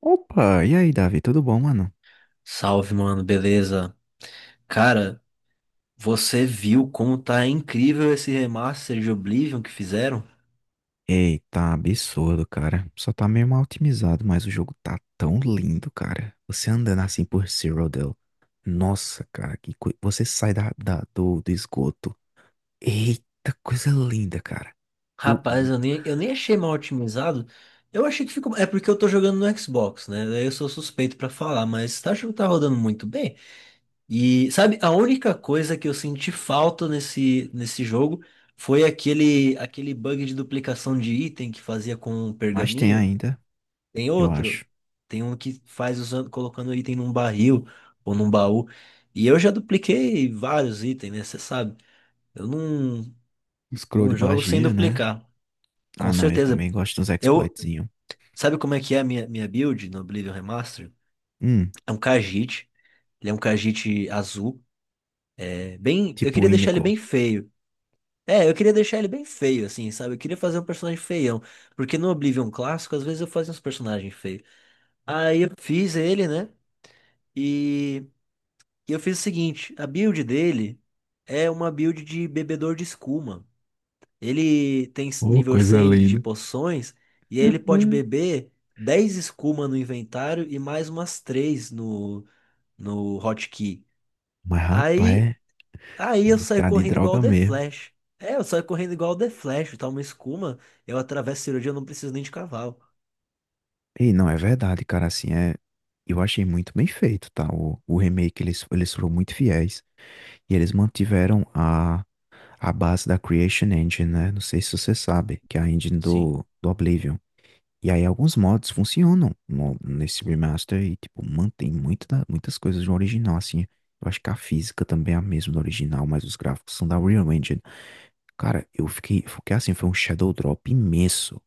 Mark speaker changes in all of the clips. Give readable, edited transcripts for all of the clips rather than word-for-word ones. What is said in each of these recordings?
Speaker 1: Opa, e aí, Davi? Tudo bom, mano?
Speaker 2: Salve, mano, beleza? Cara, você viu como tá incrível esse remaster de Oblivion que fizeram?
Speaker 1: Eita, absurdo, cara. Só tá meio mal otimizado, mas o jogo tá tão lindo, cara. Você andando assim por Cyrodiil. Nossa, cara, você sai do esgoto. Eita, coisa linda, cara. O,
Speaker 2: Rapaz,
Speaker 1: o-
Speaker 2: eu nem achei mal otimizado. Eu achei que ficou. É porque eu tô jogando no Xbox, né? Daí eu sou suspeito pra falar, mas tá, acho que tá rodando muito bem. E sabe, a única coisa que eu senti falta nesse jogo foi aquele bug de duplicação de item que fazia com o
Speaker 1: Mas tem
Speaker 2: pergaminho.
Speaker 1: ainda,
Speaker 2: Tem
Speaker 1: eu
Speaker 2: outro.
Speaker 1: acho.
Speaker 2: Tem um que faz usando, colocando item num barril ou num baú. E eu já dupliquei vários itens, né? Você sabe. Eu não,
Speaker 1: Scroll de
Speaker 2: não jogo sem
Speaker 1: magia, né?
Speaker 2: duplicar. Com
Speaker 1: Ah, não, eu
Speaker 2: certeza.
Speaker 1: também gosto dos
Speaker 2: Eu,
Speaker 1: exploitzinho.
Speaker 2: sabe como é que é a minha build no Oblivion Remaster?
Speaker 1: Hum,
Speaker 2: É um Khajiit. Ele é um Khajiit azul. É bem, eu
Speaker 1: tipo o
Speaker 2: queria deixar ele
Speaker 1: Inigo.
Speaker 2: bem feio. É, eu queria deixar ele bem feio, assim, sabe? Eu queria fazer um personagem feião. Porque no Oblivion clássico, às vezes eu fazia uns personagens feios. Aí eu fiz ele, né? E E eu fiz o seguinte, a build dele é uma build de bebedor de escuma. Ele tem
Speaker 1: Oh,
Speaker 2: nível
Speaker 1: coisa
Speaker 2: 100 de
Speaker 1: linda.
Speaker 2: poções e aí ele pode beber 10 escuma no inventário e mais umas 3 no hotkey.
Speaker 1: Mas,
Speaker 2: Aí,
Speaker 1: rapaz,
Speaker 2: aí
Speaker 1: é
Speaker 2: eu saio
Speaker 1: viciado em
Speaker 2: correndo igual o
Speaker 1: droga
Speaker 2: The
Speaker 1: mesmo.
Speaker 2: Flash. É, eu saio correndo igual o The Flash, tá uma escuma, eu atravesso a cirurgia, eu não preciso nem de cavalo.
Speaker 1: E não, é verdade, cara, assim, é... Eu achei muito bem feito, tá? O remake, eles foram muito fiéis e eles mantiveram a base da Creation Engine, né? Não sei se você sabe, que é a engine
Speaker 2: Sim.
Speaker 1: do Oblivion. E aí alguns mods funcionam nesse remaster e, tipo, mantém muito muitas coisas do original, assim. Eu acho que a física também é a mesma do original, mas os gráficos são da Unreal Engine. Cara, eu fiquei assim, foi um shadow drop imenso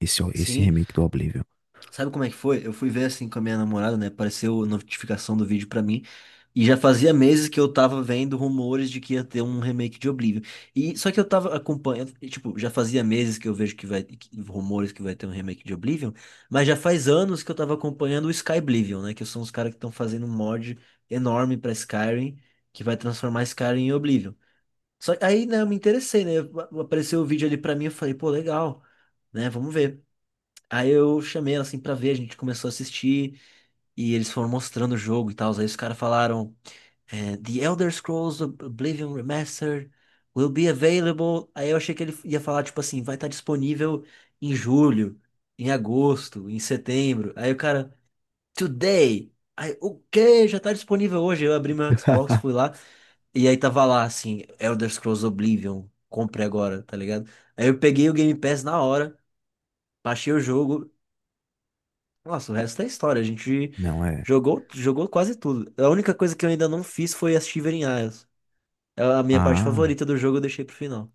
Speaker 1: esse
Speaker 2: Sim,
Speaker 1: remake do Oblivion.
Speaker 2: sabe como é que foi? Eu fui ver assim com a minha namorada, né? Apareceu a notificação do vídeo pra mim. E já fazia meses que eu tava vendo rumores de que ia ter um remake de Oblivion. E só que eu tava acompanhando, e, tipo, já fazia meses que eu vejo rumores que vai ter um remake de Oblivion, mas já faz anos que eu tava acompanhando o Skyblivion, né, que são os caras que estão fazendo um mod enorme pra Skyrim, que vai transformar Skyrim em Oblivion. Só aí, né, eu me interessei, né? Apareceu o vídeo ali pra mim, eu falei, pô, legal, né? Vamos ver. Aí eu chamei ela assim pra ver, a gente começou a assistir e eles foram mostrando o jogo e tal. Aí os caras falaram: é, The Elder Scrolls Oblivion Remastered will be available. Aí eu achei que ele ia falar, tipo assim, vai estar disponível em julho, em agosto, em setembro. Aí o cara, Today! Aí, o quê? Já tá disponível hoje. Eu abri meu Xbox, fui lá e aí tava lá assim: Elder Scrolls Oblivion, compre agora, tá ligado? Aí eu peguei o Game Pass na hora. Baixei o jogo. Nossa, o resto é história. A gente
Speaker 1: Não é...
Speaker 2: jogou, jogou quase tudo. A única coisa que eu ainda não fiz foi as Shivering Isles. É a minha parte
Speaker 1: Ah...
Speaker 2: favorita do jogo, eu deixei pro final.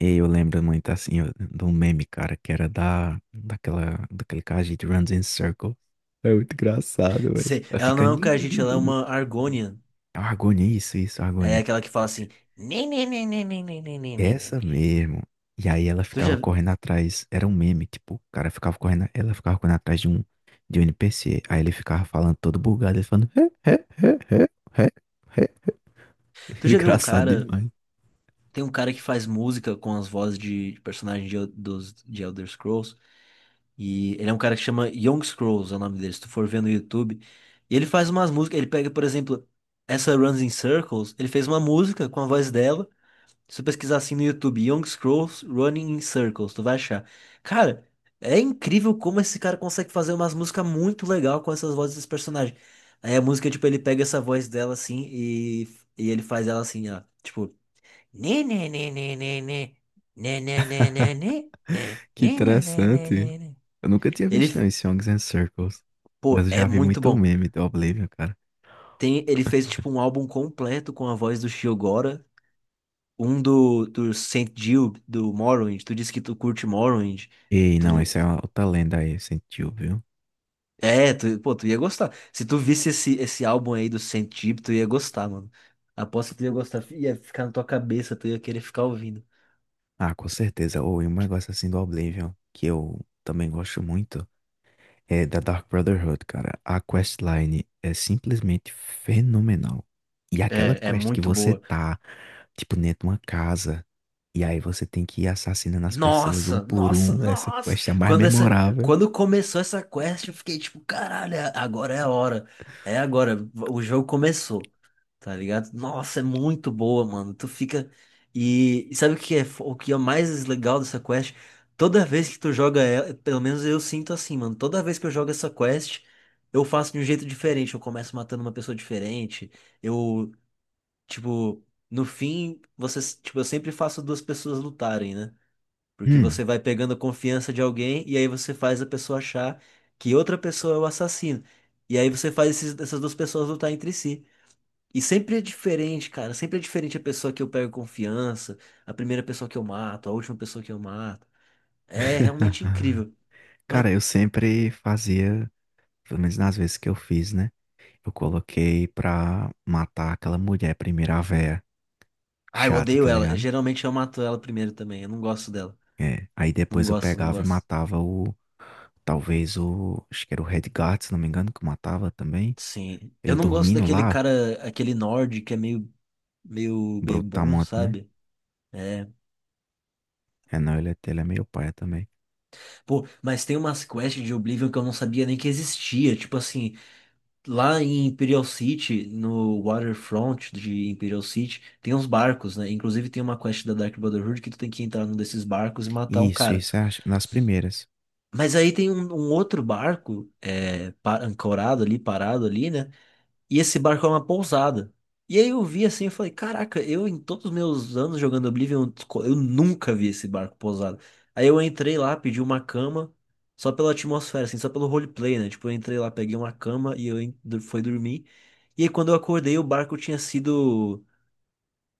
Speaker 1: E eu lembro muito assim ó, de um meme, cara, que era da daquele cara, a gente runs in circle. É muito engraçado, velho. Vai
Speaker 2: Ela não é
Speaker 1: ficando.
Speaker 2: o
Speaker 1: "Nhi, nhi,
Speaker 2: Khajiit, ela é
Speaker 1: nhi, nhi,
Speaker 2: uma
Speaker 1: nhi".
Speaker 2: Argonian.
Speaker 1: Argonia, isso,
Speaker 2: É
Speaker 1: Argonia.
Speaker 2: aquela que fala assim. "Nê, nê, nê, nê, nê, nê, nê, nê, nê, nê,
Speaker 1: Essa
Speaker 2: nê."
Speaker 1: mesmo. E aí ela
Speaker 2: Tu
Speaker 1: ficava
Speaker 2: já,
Speaker 1: correndo atrás. Era um meme, tipo, o cara ficava correndo, ela ficava correndo atrás de um NPC. Aí ele ficava falando todo bugado, ele falando. "Hé, hé, hé, hé, hé, hé".
Speaker 2: tu já viu um
Speaker 1: Engraçado
Speaker 2: cara.
Speaker 1: demais.
Speaker 2: Tem um cara que faz música com as vozes de personagens de Elder Scrolls. E ele é um cara que chama Young Scrolls, é o nome dele, se tu for ver no YouTube. E ele faz umas músicas, ele pega, por exemplo, essa Runs in Circles, ele fez uma música com a voz dela. Se tu pesquisar assim no YouTube, Young Scrolls Running in Circles, tu vai achar. Cara, é incrível como esse cara consegue fazer umas músicas muito legal com essas vozes dos personagens. Aí a música, tipo, ele pega essa voz dela assim e ele faz ela assim, ó, tipo, né, né, né, né, né, né, né, né, né, né, né, né,
Speaker 1: Que
Speaker 2: né, né, né,
Speaker 1: interessante.
Speaker 2: né, né.
Speaker 1: Eu nunca tinha
Speaker 2: Ele
Speaker 1: visto, não, esse Songs and Circles.
Speaker 2: Pô,
Speaker 1: Mas eu
Speaker 2: é
Speaker 1: já vi
Speaker 2: muito
Speaker 1: muito
Speaker 2: bom.
Speaker 1: meme do Oblivion, cara.
Speaker 2: Tem, ele fez tipo um álbum completo com a voz do Shio Gora, um do Saint Jill, do Morrowind. Tu disse que tu curte Morrowind.
Speaker 1: Ei, não,
Speaker 2: Tu,
Speaker 1: isso é uma outra lenda aí, sentiu, viu?
Speaker 2: pô, tu ia gostar. Se tu visse esse álbum aí do Saint Jill, tu ia gostar, mano. Aposto que tu ia gostar, ia ficar na tua cabeça, tu ia querer ficar ouvindo.
Speaker 1: Ah, com certeza. Ou e um negócio assim do Oblivion, que eu também gosto muito, é da Dark Brotherhood, cara. A questline é simplesmente fenomenal. E aquela
Speaker 2: É, é
Speaker 1: quest que
Speaker 2: muito
Speaker 1: você
Speaker 2: boa.
Speaker 1: tá, tipo, dentro de uma casa, e aí você tem que ir assassinando as pessoas um
Speaker 2: Nossa,
Speaker 1: por
Speaker 2: nossa,
Speaker 1: um. Essa
Speaker 2: nossa.
Speaker 1: quest é a mais
Speaker 2: Quando essa,
Speaker 1: memorável.
Speaker 2: quando começou essa quest, eu fiquei tipo, caralho, agora é a hora. É agora, o jogo começou. Tá ligado? Nossa, é muito boa, mano. Tu fica e sabe o que é mais legal dessa quest? Toda vez que tu joga ela, pelo menos eu sinto assim, mano. Toda vez que eu jogo essa quest, eu faço de um jeito diferente. Eu começo matando uma pessoa diferente. Eu, tipo, no fim, tipo, eu sempre faço duas pessoas lutarem, né? Porque
Speaker 1: Hum.
Speaker 2: você vai pegando a confiança de alguém e aí você faz a pessoa achar que outra pessoa é o assassino. E aí você faz essas duas pessoas lutar entre si. E sempre é diferente, cara. Sempre é diferente a pessoa que eu pego confiança, a primeira pessoa que eu mato, a última pessoa que eu mato. É realmente incrível. Mas,
Speaker 1: Cara, eu sempre fazia, pelo menos nas vezes que eu fiz, né? Eu coloquei pra matar aquela mulher primeiro, a véia
Speaker 2: ah, eu
Speaker 1: chata,
Speaker 2: odeio
Speaker 1: tá
Speaker 2: ela.
Speaker 1: ligado?
Speaker 2: Geralmente eu mato ela primeiro também. Eu não gosto dela.
Speaker 1: É. Aí
Speaker 2: Não
Speaker 1: depois eu
Speaker 2: gosto, não
Speaker 1: pegava e
Speaker 2: gosto.
Speaker 1: matava o. Talvez o. Acho que era o Redguard, se não me engano, que eu matava também.
Speaker 2: Sim. Eu
Speaker 1: Ele
Speaker 2: não gosto
Speaker 1: dormindo
Speaker 2: daquele
Speaker 1: lá,
Speaker 2: cara, aquele nord que é meio bebum,
Speaker 1: brutamonte, né?
Speaker 2: sabe? É,
Speaker 1: É, não, ele é meio paia também.
Speaker 2: pô, mas tem umas quests de Oblivion que eu não sabia nem que existia. Tipo assim, lá em Imperial City, no waterfront de Imperial City, tem uns barcos, né? Inclusive tem uma quest da Dark Brotherhood que tu tem que entrar num desses barcos e matar um
Speaker 1: Isso,
Speaker 2: cara.
Speaker 1: isso é nas primeiras.
Speaker 2: Mas aí tem um outro barco, é, ancorado ali, parado ali, né? E esse barco era uma pousada. E aí eu vi assim, eu falei, caraca, eu em todos os meus anos jogando Oblivion, eu nunca vi esse barco pousado. Aí eu entrei lá, pedi uma cama, só pela atmosfera, assim, só pelo roleplay, né? Tipo, eu entrei lá, peguei uma cama e eu fui dormir. E aí quando eu acordei, o barco tinha sido.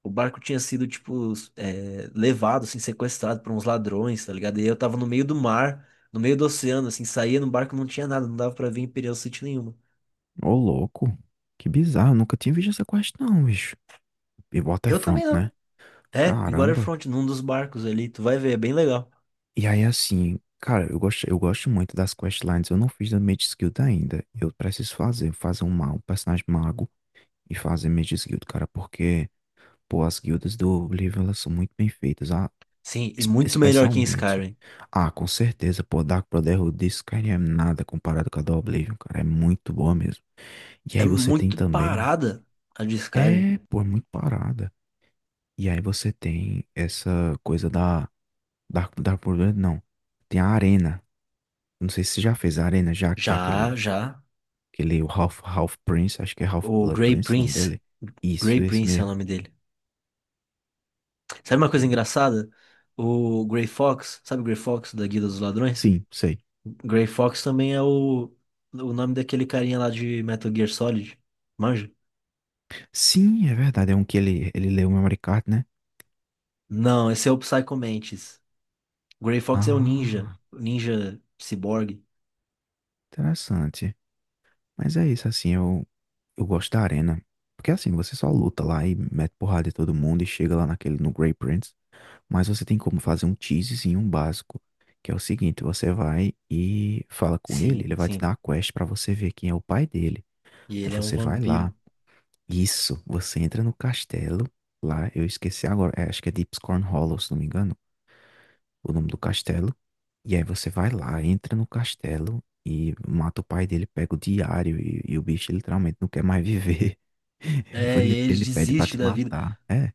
Speaker 2: O barco tinha sido, tipo, é, levado, assim, sequestrado por uns ladrões, tá ligado? E aí eu tava no meio do mar, no meio do oceano, assim, saía no barco, não tinha nada, não dava pra ver Imperial City nenhuma.
Speaker 1: Ô, louco. Que bizarro, eu nunca tinha visto essa quest, não, bicho. E
Speaker 2: Eu
Speaker 1: Waterfront,
Speaker 2: também
Speaker 1: né?
Speaker 2: não. É, em
Speaker 1: Caramba.
Speaker 2: Waterfront, num dos barcos ali, tu vai ver, é bem legal.
Speaker 1: E aí, assim, cara, eu gosto muito das questlines. Eu não fiz da Mage Guild ainda. Eu preciso fazer um, um personagem mago e fazer Mage Guild, cara, porque, pô, as guildas do Oblivion, elas são muito bem feitas. Ah,
Speaker 2: Sim, e muito melhor que em
Speaker 1: especialmente.
Speaker 2: Skyrim.
Speaker 1: Ah, com certeza, pô, Dark Brotherhood de Skyrim é nada comparado com a do Oblivion, cara. É muito boa mesmo. E
Speaker 2: É
Speaker 1: aí você tem
Speaker 2: muito
Speaker 1: também.
Speaker 2: parada a de Skyrim.
Speaker 1: É, pô, é muito parada. E aí você tem essa coisa da. Dark Brotherhood, não. Tem a arena. Não sei se você já fez a Arena, já que tem
Speaker 2: Já,
Speaker 1: aquele,
Speaker 2: já.
Speaker 1: aquele o Half Prince, acho que é
Speaker 2: O
Speaker 1: Half
Speaker 2: o
Speaker 1: Blood
Speaker 2: Grey
Speaker 1: Prince o nome
Speaker 2: Prince,
Speaker 1: dele. Isso,
Speaker 2: Grey
Speaker 1: esse
Speaker 2: Prince é o
Speaker 1: mesmo.
Speaker 2: nome dele. Sabe uma coisa engraçada? O Grey Fox, sabe o Grey Fox da Guilda dos Ladrões?
Speaker 1: Sim, sei.
Speaker 2: Grey Fox também é o nome daquele carinha lá de Metal Gear Solid. Manja?
Speaker 1: Sim, é verdade, é um que ele leu o memory card, né?
Speaker 2: Não, esse é o Psycho Mantis. O Grey Fox é
Speaker 1: Ah,
Speaker 2: o ninja ciborgue.
Speaker 1: interessante. Mas é isso, assim, eu gosto da Arena. Porque assim, você só luta lá e mete porrada em todo mundo e chega lá naquele, no Grey Prince. Mas você tem como fazer um teasezinho, um básico. Que é o seguinte, você vai e fala com ele,
Speaker 2: Sim,
Speaker 1: ele vai te dar
Speaker 2: sim.
Speaker 1: uma quest pra você ver quem é o pai dele.
Speaker 2: E
Speaker 1: Aí
Speaker 2: ele é um
Speaker 1: você vai lá,
Speaker 2: vampiro.
Speaker 1: isso, você entra no castelo, lá, eu esqueci agora, é, acho que é Deepscorn Hollow, se não me engano, o nome do castelo. E aí você vai lá, entra no castelo e mata o pai dele, pega o diário e o bicho literalmente não quer mais viver.
Speaker 2: É, e aí eles
Speaker 1: Ele pede pra
Speaker 2: desistem
Speaker 1: te
Speaker 2: da vida.
Speaker 1: matar. É,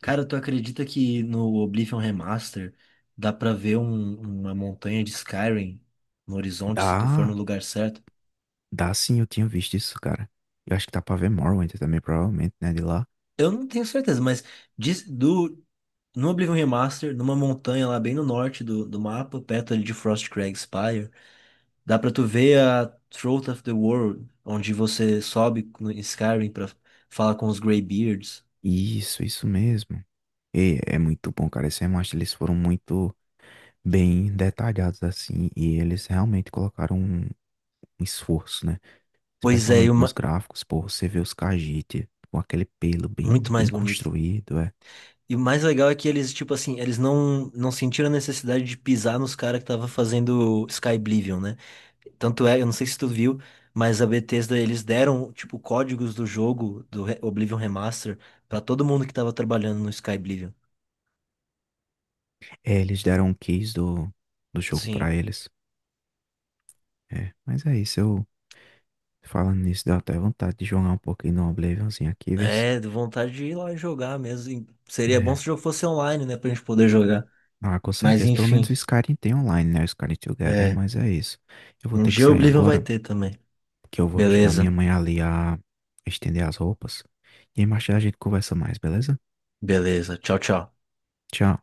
Speaker 2: Cara, tu acredita que no Oblivion Remaster dá pra ver uma montanha de Skyrim no horizonte se tu for no
Speaker 1: dá,
Speaker 2: lugar certo?
Speaker 1: dá sim, eu tinha visto isso, cara. Eu acho que dá pra ver Morrowind também, provavelmente, né, de lá.
Speaker 2: Eu não tenho certeza, mas diz- do, no Oblivion Remaster, numa montanha lá bem no norte do mapa, perto ali de Frostcrag Spire, dá pra tu ver a Throat of the World, onde você sobe no em Skyrim pra falar com os Greybeards.
Speaker 1: Isso mesmo. E é muito bom, cara, esse remaster, eles foram muito bem detalhados assim, e eles realmente colocaram um um esforço, né?
Speaker 2: Pois é,
Speaker 1: Especialmente nos gráficos, pô, você vê os Khajiit com aquele pelo bem,
Speaker 2: muito
Speaker 1: bem
Speaker 2: mais bonito.
Speaker 1: construído, é.
Speaker 2: E o mais legal é que eles, tipo assim, eles não sentiram a necessidade de pisar nos caras que tava fazendo Sky Oblivion, né? Tanto é, eu não sei se tu viu, mas a Bethesda, eles deram, tipo, códigos do jogo, Oblivion Remaster, pra todo mundo que tava trabalhando no Sky Oblivion.
Speaker 1: É, eles deram um keys do jogo
Speaker 2: Sim.
Speaker 1: pra eles. É, mas é isso, eu falando nisso, deu até vontade de jogar um pouquinho no Oblivionzinho aqui, vê se-
Speaker 2: É, deu vontade de ir lá e jogar mesmo. Seria bom
Speaker 1: É.
Speaker 2: se o jogo fosse online, né, pra gente poder jogar.
Speaker 1: Ah, com
Speaker 2: Mas
Speaker 1: certeza, pelo menos
Speaker 2: enfim,
Speaker 1: o Skyrim tem online, né? O Skyrim Together,
Speaker 2: é.
Speaker 1: mas é isso. Eu vou
Speaker 2: Um
Speaker 1: ter que
Speaker 2: dia o
Speaker 1: sair
Speaker 2: Oblivion vai
Speaker 1: agora,
Speaker 2: ter também.
Speaker 1: que eu vou ajudar minha
Speaker 2: Beleza,
Speaker 1: mãe ali a estender as roupas. E aí mais tarde a gente conversa mais, beleza?
Speaker 2: beleza. Tchau, tchau.
Speaker 1: Tchau.